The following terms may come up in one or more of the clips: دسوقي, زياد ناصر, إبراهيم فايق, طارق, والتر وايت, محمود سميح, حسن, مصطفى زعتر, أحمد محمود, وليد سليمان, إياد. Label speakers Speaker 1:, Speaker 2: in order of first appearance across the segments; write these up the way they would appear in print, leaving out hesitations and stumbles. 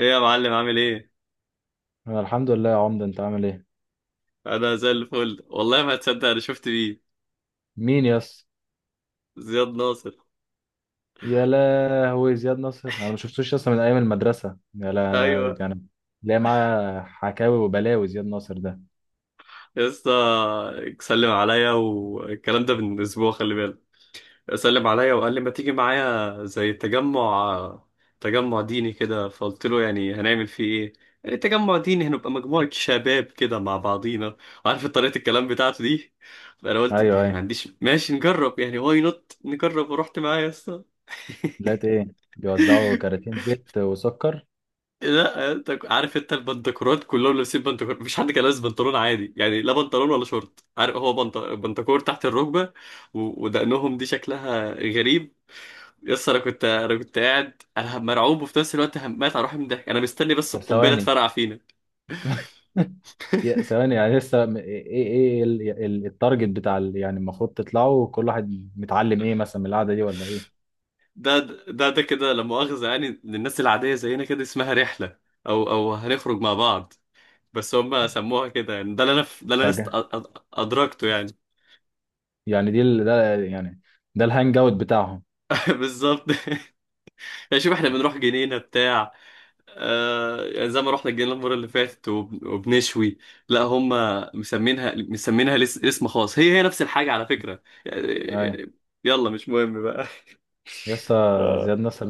Speaker 1: ايه يا معلم عامل ايه؟
Speaker 2: أنا الحمد لله يا عمده، انت عامل ايه؟
Speaker 1: انا زي الفل، والله ما هتصدق انا شفت مين.
Speaker 2: مين يس؟
Speaker 1: زياد ناصر.
Speaker 2: يا لهوي زياد نصر، انا ما شفتوش يس من ايام المدرسه يا لا
Speaker 1: ايوه.
Speaker 2: يعني. ليه معاه حكاوي وبلاوي زياد نصر ده.
Speaker 1: يا اسطى، سلم عليا والكلام ده من اسبوع، خلي بالك. سلم عليا وقال لي ما تيجي معايا زي تجمع، تجمع ديني كده. فقلت له يعني هنعمل فيه ايه؟ يعني تجمع ديني هنبقى مجموعة شباب كده مع بعضينا، عارف طريقة الكلام بتاعته دي. فانا قلت
Speaker 2: ايوه
Speaker 1: يعني
Speaker 2: ايوه
Speaker 1: ما عنديش، ماشي نجرب يعني، واي نوت نجرب. ورحت معايا يا اسطى.
Speaker 2: لقيت ايه؟ بيوزعوا كراتين زيت وسكر.
Speaker 1: لا انت، عارف انت البنتكورات كلهم لابسين بنتكور، مفيش حد كان لابس بنطلون عادي يعني، لا بنطلون ولا شورت. عارف، هو بنتكور تحت الركبه. ودقنهم دي شكلها غريب. يس انا كنت، انا كنت قاعد انا مرعوب، وفي نفس الوقت همات على روحي من الضحك. انا مستني بس
Speaker 2: طب
Speaker 1: القنبله
Speaker 2: ثواني.
Speaker 1: تفرقع فينا.
Speaker 2: يا ثواني يعني لسه ايه إيه التارجت بتاع يعني المفروض تطلعوا كل واحد متعلم ايه مثلا من القعده دي، ولا ايه؟
Speaker 1: ده، ده كده لا مؤاخذه يعني، للناس العاديه زينا كده اسمها رحله، او او هنخرج مع بعض. بس هم سموها كده يعني. ده اللي انا، ده اللي انا
Speaker 2: تاجه.
Speaker 1: ادركته يعني.
Speaker 2: يعني ده يعني. ده الهانج اوت بتاعهم.
Speaker 1: بالظبط. يعني شوف، احنا بنروح جنينه بتاع، آه، يعني زي ما رحنا الجنينة المرة اللي فاتت وبنشوي. لا، هم مسمينها، مسمينها اسم خاص. هي هي نفس الحاجة على فكرة
Speaker 2: ايوه.
Speaker 1: يعني. يلا، مش مهم بقى.
Speaker 2: يسا
Speaker 1: اه.
Speaker 2: زياد نصر،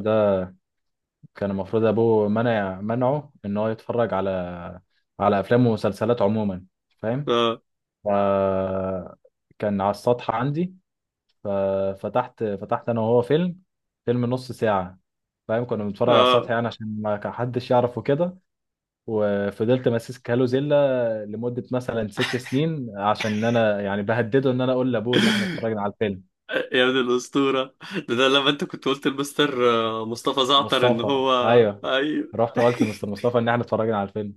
Speaker 2: كان المفروض ابوه منعه ان هو يتفرج على على افلام ومسلسلات عموما، فاهم؟
Speaker 1: اه.
Speaker 2: ف كان على السطح عندي، فتحت انا وهو فيلم، فيلم نص ساعة. فاهم؟ كنا بنتفرج على السطح
Speaker 1: اه.
Speaker 2: يعني عشان ما كان حدش يعرفه كده. وفضلت ماسك هالو زيلا لمدة مثلا ست سنين، عشان انا يعني بهدده ان انا اقول لابوه ان احنا اتفرجنا على الفيلم.
Speaker 1: يا ابن الأسطورة، ده لما انت كنت قلت لمستر مصطفى زعتر ان
Speaker 2: مصطفى،
Speaker 1: هو.
Speaker 2: ايوه.
Speaker 1: ايوه.
Speaker 2: رحت قلت لمستر مصطفى ان احنا اتفرجنا على الفيلم.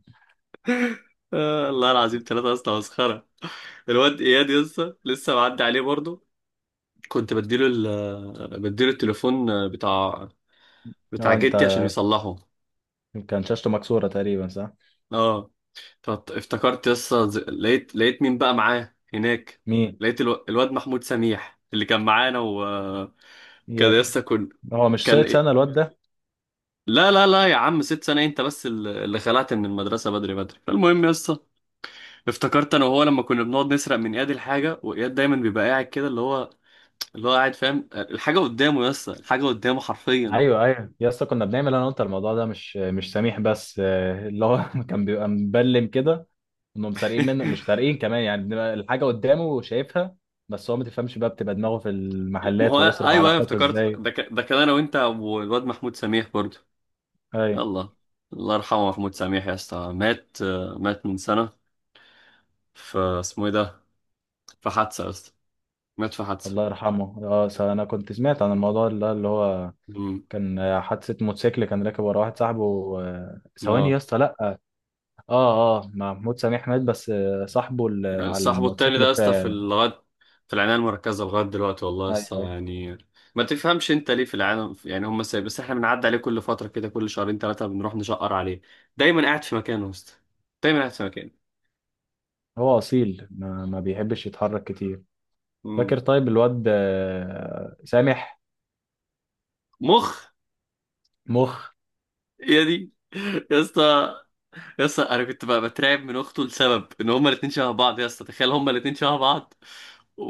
Speaker 1: آه، الله العظيم ثلاثة أصلا مسخرة. الواد إياد لسه لسه معدي عليه برضه. كنت بديله، ال بديله التليفون بتاع، بتاع
Speaker 2: اه انت،
Speaker 1: جدي عشان يصلحه.
Speaker 2: كان شاشته مكسورة تقريبا، صح؟
Speaker 1: اه. افتكرت يسا، لقيت مين بقى معاه هناك.
Speaker 2: مين؟
Speaker 1: لقيت الواد محمود سميح اللي كان معانا وكان.
Speaker 2: يا،
Speaker 1: يسا
Speaker 2: هو مش
Speaker 1: كان
Speaker 2: سايت
Speaker 1: إيه؟
Speaker 2: سنة الواد ده؟
Speaker 1: لا لا لا يا عم، 6 سنة انت بس اللي خلعت من المدرسة بدري بدري. فالمهم يسا، افتكرت انا وهو لما كنا بنقعد نسرق من اياد الحاجة، واياد دايما بيبقى قاعد كده، اللي هو، اللي هو قاعد فاهم الحاجة قدامه. يسا الحاجة قدامه حرفيا.
Speaker 2: ايوه ايوه يا اسطى، كنا بنعمل انا وانت الموضوع ده، مش سميح بس آه، اللي هو كان بيبقى مبلم كده. انهم سارقين منه، مش سارقين كمان يعني، بنبقى الحاجه قدامه وشايفها. بس هو ما تفهمش بقى، بتبقى دماغه في
Speaker 1: ما
Speaker 2: المحلات
Speaker 1: هو ايوه،
Speaker 2: ويصرف على
Speaker 1: ايوه
Speaker 2: اخواته
Speaker 1: افتكرت.
Speaker 2: ازاي.
Speaker 1: ده كان انا وانت والواد محمود سميح برضه.
Speaker 2: ايوه.
Speaker 1: يلا. الله يرحمه محمود سميح، يا اسطى مات. مات من سنة، فاسمه ايه ده، في حادثة يا اسطى. مات في حادثة.
Speaker 2: الله يرحمه. اه، انا كنت سمعت عن الموضوع، اللي هو
Speaker 1: امم
Speaker 2: كان آه، حادثه موتوسيكل، كان راكب ورا واحد صاحبه. آه، ثواني يا
Speaker 1: اه،
Speaker 2: اسطى، لا. اه اه، محمود سميح مات، بس آه، صاحبه اللي على
Speaker 1: صاحبه التاني ده
Speaker 2: الموتوسيكل
Speaker 1: يا اسطى في
Speaker 2: في.
Speaker 1: لغاية، في العناية المركزة لغاية دلوقتي، والله يا
Speaker 2: ايوه،
Speaker 1: اسطى
Speaker 2: أيوه.
Speaker 1: يعني. ما تفهمش انت ليه في العالم يعني هم سايب، بس احنا بنعدي عليه كل فترة كده، كل شهرين 3 بنروح نشقر عليه. دايما قاعد في مكانه يا اسطى، دايما قاعد في مكانه.
Speaker 2: هو اصيل، ما بيحبش يتحرك كتير.
Speaker 1: امم
Speaker 2: فاكر طيب الواد آه، سامح؟
Speaker 1: مخ.
Speaker 2: مخ.
Speaker 1: يا دي، يا اسطى، يا اسطى انا كنت بقى بترعب من اخته لسبب ان هما الاتنين شبه بعض. يا اسطى تخيل، هما الاتنين شبه بعض.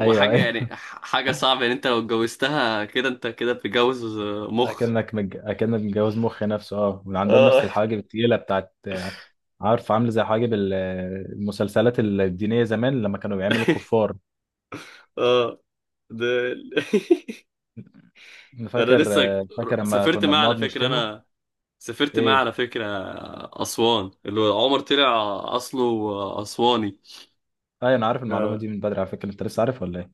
Speaker 2: ايوه ايوه.
Speaker 1: يعني، حاجه صعبه يعني. انت لو اتجوزتها كده، انت كده بتتجوز مخ.
Speaker 2: اكنك متجوز مخ نفسه. اه، وعندهم نفس
Speaker 1: اه.
Speaker 2: الحواجب التقيله بتاعت آه، عارف، عامله زي حواجب المسلسلات الدينيه زمان لما كانوا بيعملوا الكفار.
Speaker 1: اه. ده. انا
Speaker 2: فاكر
Speaker 1: لسه
Speaker 2: آه، فاكر لما
Speaker 1: سافرت
Speaker 2: كنا
Speaker 1: معاه على
Speaker 2: بنقعد
Speaker 1: فكره
Speaker 2: نشتمه.
Speaker 1: انا، سافرت معاه
Speaker 2: ايه؟
Speaker 1: على فكره. اسوان اللي هو عمر طلع، اصله اسواني.
Speaker 2: ايوه، انا عارف المعلومه
Speaker 1: اه.
Speaker 2: دي من بدري على فكره، انت لسه عارف ولا ايه؟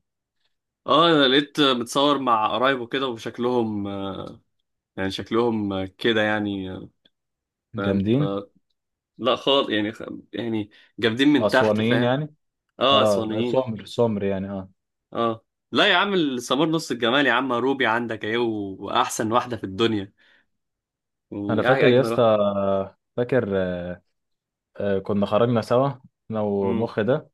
Speaker 1: اه، انا لقيت متصور مع قرايبه كده وشكلهم، يعني شكلهم كده يعني، فاهم.
Speaker 2: جامدين.
Speaker 1: لا خالص يعني يعني جامدين من تحت،
Speaker 2: اسوانيين
Speaker 1: فاهم.
Speaker 2: يعني.
Speaker 1: اه،
Speaker 2: اه،
Speaker 1: اسوانيين.
Speaker 2: سمر سمر يعني، اه.
Speaker 1: اه. لا يا عم، السمار نص الجمال يا عم. روبي عندك اهي، واحسن واحده في الدنيا،
Speaker 2: انا
Speaker 1: يعني
Speaker 2: فاكر يا
Speaker 1: اجمل
Speaker 2: اسطى.
Speaker 1: واحده.
Speaker 2: فاكر آه، آه، كنا خرجنا سوا، انا
Speaker 1: امم
Speaker 2: ومخ ده.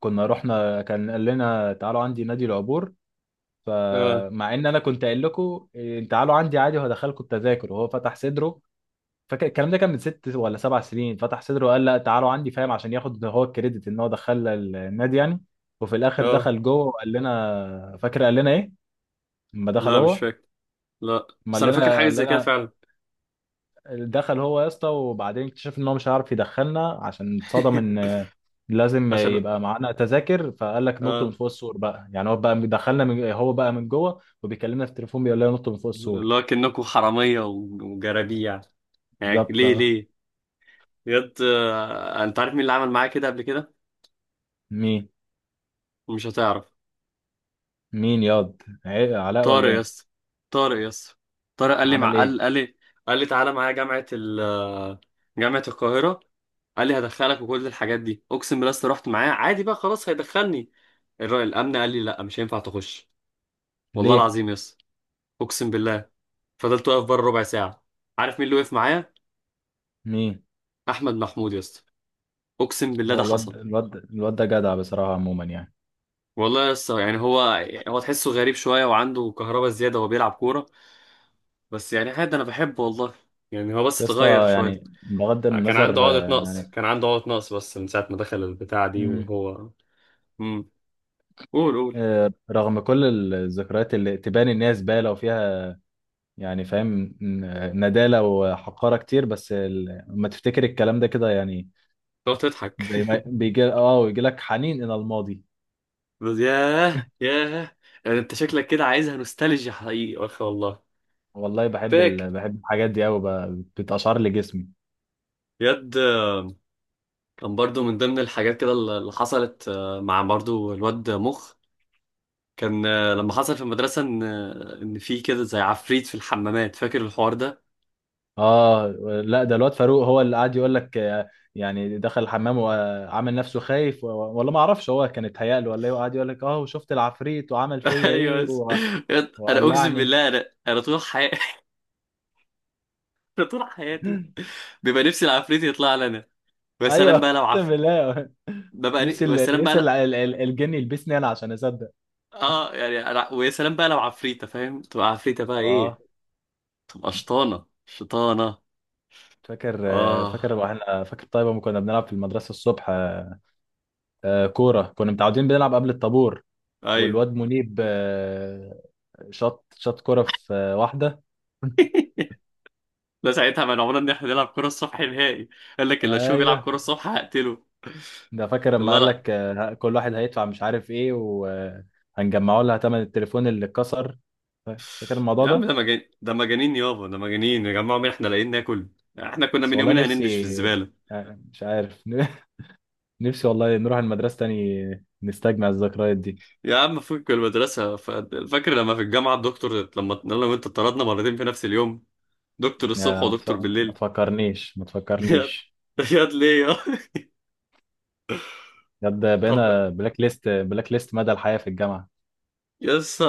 Speaker 2: كنا رحنا، كان قال لنا تعالوا عندي نادي العبور.
Speaker 1: اه.
Speaker 2: فمع ان انا كنت قايل لكم إيه، تعالوا عندي عادي وهدخلكم التذاكر، وهو فتح صدره. فاكر الكلام ده كان من ست ولا سبع سنين. فتح صدره وقال لا، تعالوا عندي، فاهم؟ عشان ياخد هو الكريدت ان هو دخلنا النادي يعني. وفي الاخر
Speaker 1: اه،
Speaker 2: دخل جوه، وقال لنا، فاكر قال لنا ايه؟ لما دخل
Speaker 1: لا مش
Speaker 2: هو.
Speaker 1: فاكر. لا
Speaker 2: ما
Speaker 1: بس
Speaker 2: قال
Speaker 1: انا فاكر
Speaker 2: لنا،
Speaker 1: حاجه
Speaker 2: قال
Speaker 1: زي كده
Speaker 2: لنا،
Speaker 1: فعلا.
Speaker 2: دخل هو يا اسطى، وبعدين اكتشف ان هو مش هيعرف يدخلنا، عشان اتصدم ان لازم
Speaker 1: عشان
Speaker 2: يبقى معانا تذاكر. فقال لك نط من
Speaker 1: اه،
Speaker 2: فوق السور بقى، يعني هو بقى دخلنا، من هو بقى من جوه وبيكلمنا في التليفون بيقول لنا نط من فوق السور.
Speaker 1: اللي هو كأنكوا حراميه وجرابيع يعني،
Speaker 2: بالظبط،
Speaker 1: ليه
Speaker 2: اه.
Speaker 1: ليه. بجد، انت عارف مين اللي عمل معايا كده قبل كده؟
Speaker 2: مين؟
Speaker 1: مش هتعرف.
Speaker 2: مين ياض علاء
Speaker 1: طارق
Speaker 2: ولا
Speaker 1: يا
Speaker 2: ايه؟
Speaker 1: اسطى، طارق يا اسطى. طارق قال لي، مع
Speaker 2: عمل
Speaker 1: قال
Speaker 2: ايه؟
Speaker 1: قال لي قال لي تعالى معايا جامعة جامعة القاهرة. قال لي هدخلك وكل الحاجات دي، اقسم بالله يا اسطى. رحت معاه عادي بقى، خلاص هيدخلني. الراجل الامن قال لي لا، مش هينفع تخش. والله
Speaker 2: ليه؟
Speaker 1: العظيم يا اسطى، اقسم بالله. فضلت واقف بره ربع ساعة. عارف مين اللي وقف معايا؟
Speaker 2: مين؟
Speaker 1: احمد محمود يا اسطى، اقسم بالله
Speaker 2: هو
Speaker 1: ده حصل.
Speaker 2: الواد الواد ده جدع بصراحة عموما يعني.
Speaker 1: والله يا اسطى يعني، هو تحسه غريب شوية، وعنده كهربا زيادة وبيلعب كورة، بس يعني عادي انا بحبه والله. يعني هو بس
Speaker 2: يا
Speaker 1: اتغير
Speaker 2: اسطى
Speaker 1: شوية.
Speaker 2: يعني، بغض
Speaker 1: كان عنده
Speaker 2: النظر
Speaker 1: عقدة
Speaker 2: آه،
Speaker 1: نقص،
Speaker 2: يعني،
Speaker 1: كان عنده عقدة نقص، بس من ساعة ما دخل البتاع دي
Speaker 2: مم،
Speaker 1: وهو. امم قول قول.
Speaker 2: آه، رغم كل الذكريات اللي تبان ان هي زبالة وفيها يعني، فاهم، ندالة وحقارة كتير، بس لما تفتكر الكلام ده كده يعني،
Speaker 1: لو تضحك.
Speaker 2: زي ما بيجي اه، ويجي لك حنين إلى الماضي.
Speaker 1: بس ياه ياه، يعني انت شكلك كده عايزها نوستالجيا حقيقي اخي والله.
Speaker 2: والله بحب
Speaker 1: فاك
Speaker 2: بحب الحاجات دي أوي، بتقشعر لي جسمي.
Speaker 1: يد كان برضو من ضمن الحاجات كده اللي حصلت، مع برضو الواد مخ. كان، لما حصل في المدرسة ان، ان في كده زي عفريت في الحمامات. فاكر الحوار ده؟
Speaker 2: اه، لا ده الواد فاروق هو اللي قاعد يقول لك آه، يعني دخل الحمام وعامل نفسه خايف، و... ولا ما اعرفش هو كان اتهيأ له ولا ايه، وقعد يقول لك اه وشفت العفريت وعمل فيا
Speaker 1: ايوه
Speaker 2: ايه
Speaker 1: بس،
Speaker 2: و...
Speaker 1: انا اقسم
Speaker 2: وقلعني.
Speaker 1: بالله، انا طول حياتي، انا طول حياتي بيبقى نفسي العفريت يطلع لنا. يا
Speaker 2: ايوه،
Speaker 1: سلام بقى لو.
Speaker 2: اقسم بالله. نفسي
Speaker 1: ويا
Speaker 2: ال-
Speaker 1: سلام بقى
Speaker 2: نفسي ال-
Speaker 1: لا.
Speaker 2: ال- ال- الجن يلبسني انا عشان اصدق.
Speaker 1: اه يعني، ويا سلام بقى لو عفريتة، فاهم، تبقى عفريتة بقى
Speaker 2: اه.
Speaker 1: ايه، تبقى شطانة، شطانة.
Speaker 2: فاكر،
Speaker 1: اه.
Speaker 2: فاكر واحنا، فاكر طيب لما كنا بنلعب في المدرسه الصبح آه، كوره، كنا متعودين بنلعب قبل الطابور.
Speaker 1: ايوع.
Speaker 2: والواد منيب آه، شاط كوره في آه، واحده.
Speaker 1: لا ساعتها منعونا ان احنا نلعب كرة الصبح نهائي. قال لك اللي اشوفه بيلعب
Speaker 2: ايوه.
Speaker 1: كرة الصبح هقتله.
Speaker 2: ده فاكر لما
Speaker 1: الله
Speaker 2: قال
Speaker 1: لا.
Speaker 2: لك آه، كل واحد هيدفع مش عارف ايه وهنجمعوا لها ثمن التليفون اللي اتكسر. فاكر الموضوع
Speaker 1: يا عم ده
Speaker 2: ده؟
Speaker 1: مجانين، ده مجانين يابا، ده مجانين يا جماعة. مين احنا لاقيين ناكل، احنا كنا
Speaker 2: بس
Speaker 1: من
Speaker 2: والله
Speaker 1: يومين
Speaker 2: نفسي
Speaker 1: هننبش في الزبالة.
Speaker 2: آه، مش عارف. نفسي والله نروح المدرسه تاني نستجمع الذكريات دي.
Speaker 1: يا عم فك المدرسة فاكر لما في الجامعة الدكتور، لما انا وانت اتطردنا مرتين في نفس اليوم، دكتور الصبح
Speaker 2: آه،
Speaker 1: ودكتور
Speaker 2: ما
Speaker 1: بالليل.
Speaker 2: تفكرنيش ما
Speaker 1: ياد،
Speaker 2: تفكرنيش
Speaker 1: ياد ليه يا.
Speaker 2: بجد
Speaker 1: طب،
Speaker 2: بقينا بلاك ليست، بلاك ليست مدى الحياة في الجامعة.
Speaker 1: يس،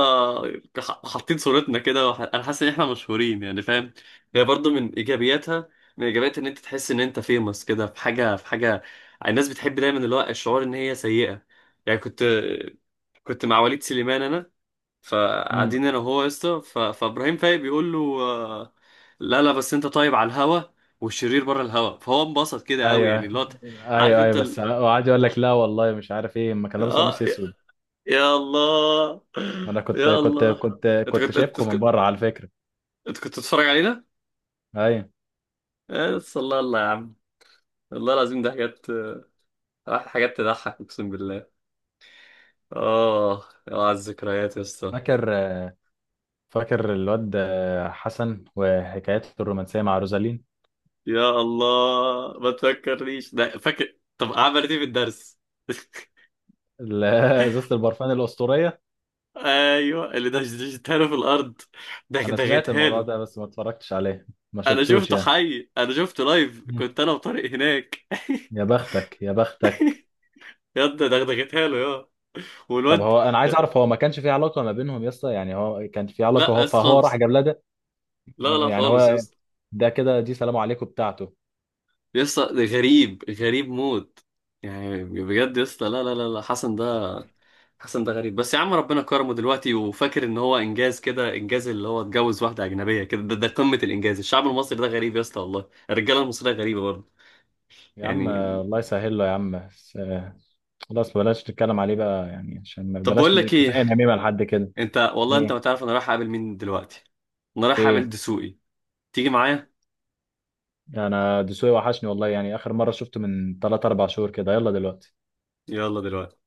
Speaker 1: حاطين صورتنا كده انا حاسس ان احنا مشهورين يعني، فاهم. هي برضو من ايجابياتها، من ايجابيات ان انت تحس ان انت فيمس كده، في حاجه في حاجه. الناس بتحب دايما اللي هو الشعور ان هي سيئه يعني. كنت مع وليد سليمان انا.
Speaker 2: امم.
Speaker 1: فقاعدين انا وهو يا اسطى، فابراهيم فايق بيقول له، لا لا، بس انت طيب على الهوا والشرير بره الهوا. فهو انبسط كده قوي يعني،
Speaker 2: ايوه
Speaker 1: اللي هو، عارف
Speaker 2: ايوه
Speaker 1: انت
Speaker 2: ايوه، بس وقعد يقول لك لا والله مش عارف ايه، ما كان لابس
Speaker 1: اه،
Speaker 2: قميص اسود.
Speaker 1: يا الله.
Speaker 2: ما انا كنت
Speaker 1: يا
Speaker 2: كنت
Speaker 1: الله،
Speaker 2: كنت
Speaker 1: انت
Speaker 2: كنت
Speaker 1: كنت،
Speaker 2: شايفكم من بره على فكرة.
Speaker 1: انت كنت بتتفرج علينا؟
Speaker 2: ايوه.
Speaker 1: بس الله، الله يا عم. والله العظيم ده حاجات، حاجات تضحك، اقسم بالله. اه يا على الذكريات يا اسطى.
Speaker 2: فاكر، فاكر الواد حسن وحكايته الرومانسية مع روزالين.
Speaker 1: يا الله ما تفكرنيش. ده فاكر، طب عملت ايه في الدرس؟
Speaker 2: ال- ازازة البرفان الأسطورية.
Speaker 1: ايوه اللي دشدشتها له في الارض، ده
Speaker 2: انا سمعت
Speaker 1: دغيتها
Speaker 2: الموضوع
Speaker 1: له.
Speaker 2: ده بس ما اتفرجتش عليه، ما
Speaker 1: انا
Speaker 2: شفتوش
Speaker 1: شفته
Speaker 2: يعني.
Speaker 1: حي، انا شفته لايف،
Speaker 2: مم.
Speaker 1: كنت انا وطارق هناك.
Speaker 2: يا بختك، يا بختك.
Speaker 1: يا ده دغدغتها له يا،
Speaker 2: طب
Speaker 1: والواد.
Speaker 2: هو، انا عايز اعرف، هو ما كانش في علاقة ما بينهم يا اسطى؟ يعني هو كان في
Speaker 1: لا
Speaker 2: علاقة،
Speaker 1: يا
Speaker 2: هو
Speaker 1: اسطى
Speaker 2: فهو راح
Speaker 1: خالص،
Speaker 2: جاب لها؟
Speaker 1: لا لا
Speaker 2: يعني
Speaker 1: خالص يا
Speaker 2: هو،
Speaker 1: اسطى.
Speaker 2: ده كده دي سلام عليكم بتاعته.
Speaker 1: يسطا ده غريب، غريب موت. يعني بجد يسطا، لا لا لا لا، حسن ده، حسن ده غريب، بس يا عم ربنا كرمه دلوقتي. وفاكر ان هو انجاز كده، انجاز اللي هو اتجوز واحده اجنبيه كده. ده
Speaker 2: مم.
Speaker 1: قمه الانجاز الشعب المصري. ده غريب يسطا، والله الرجاله المصريه غريبه برضه.
Speaker 2: يا عم
Speaker 1: يعني،
Speaker 2: آه، الله يسهل له يا عم بس، آه، خلاص بلاش نتكلم عليه بقى يعني، عشان
Speaker 1: طب بقول
Speaker 2: بلاش،
Speaker 1: لك ايه،
Speaker 2: كفايه نميمه لحد كده.
Speaker 1: انت والله انت
Speaker 2: ايه؟
Speaker 1: ما تعرف انا رايح اقابل مين دلوقتي. انا رايح اقابل
Speaker 2: ايه؟
Speaker 1: دسوقي. تيجي معايا.
Speaker 2: انا دسوقي وحشني والله، يعني اخر مره شفته من 3 4 شهور كده. يلا دلوقتي.
Speaker 1: يلا دلوقتي.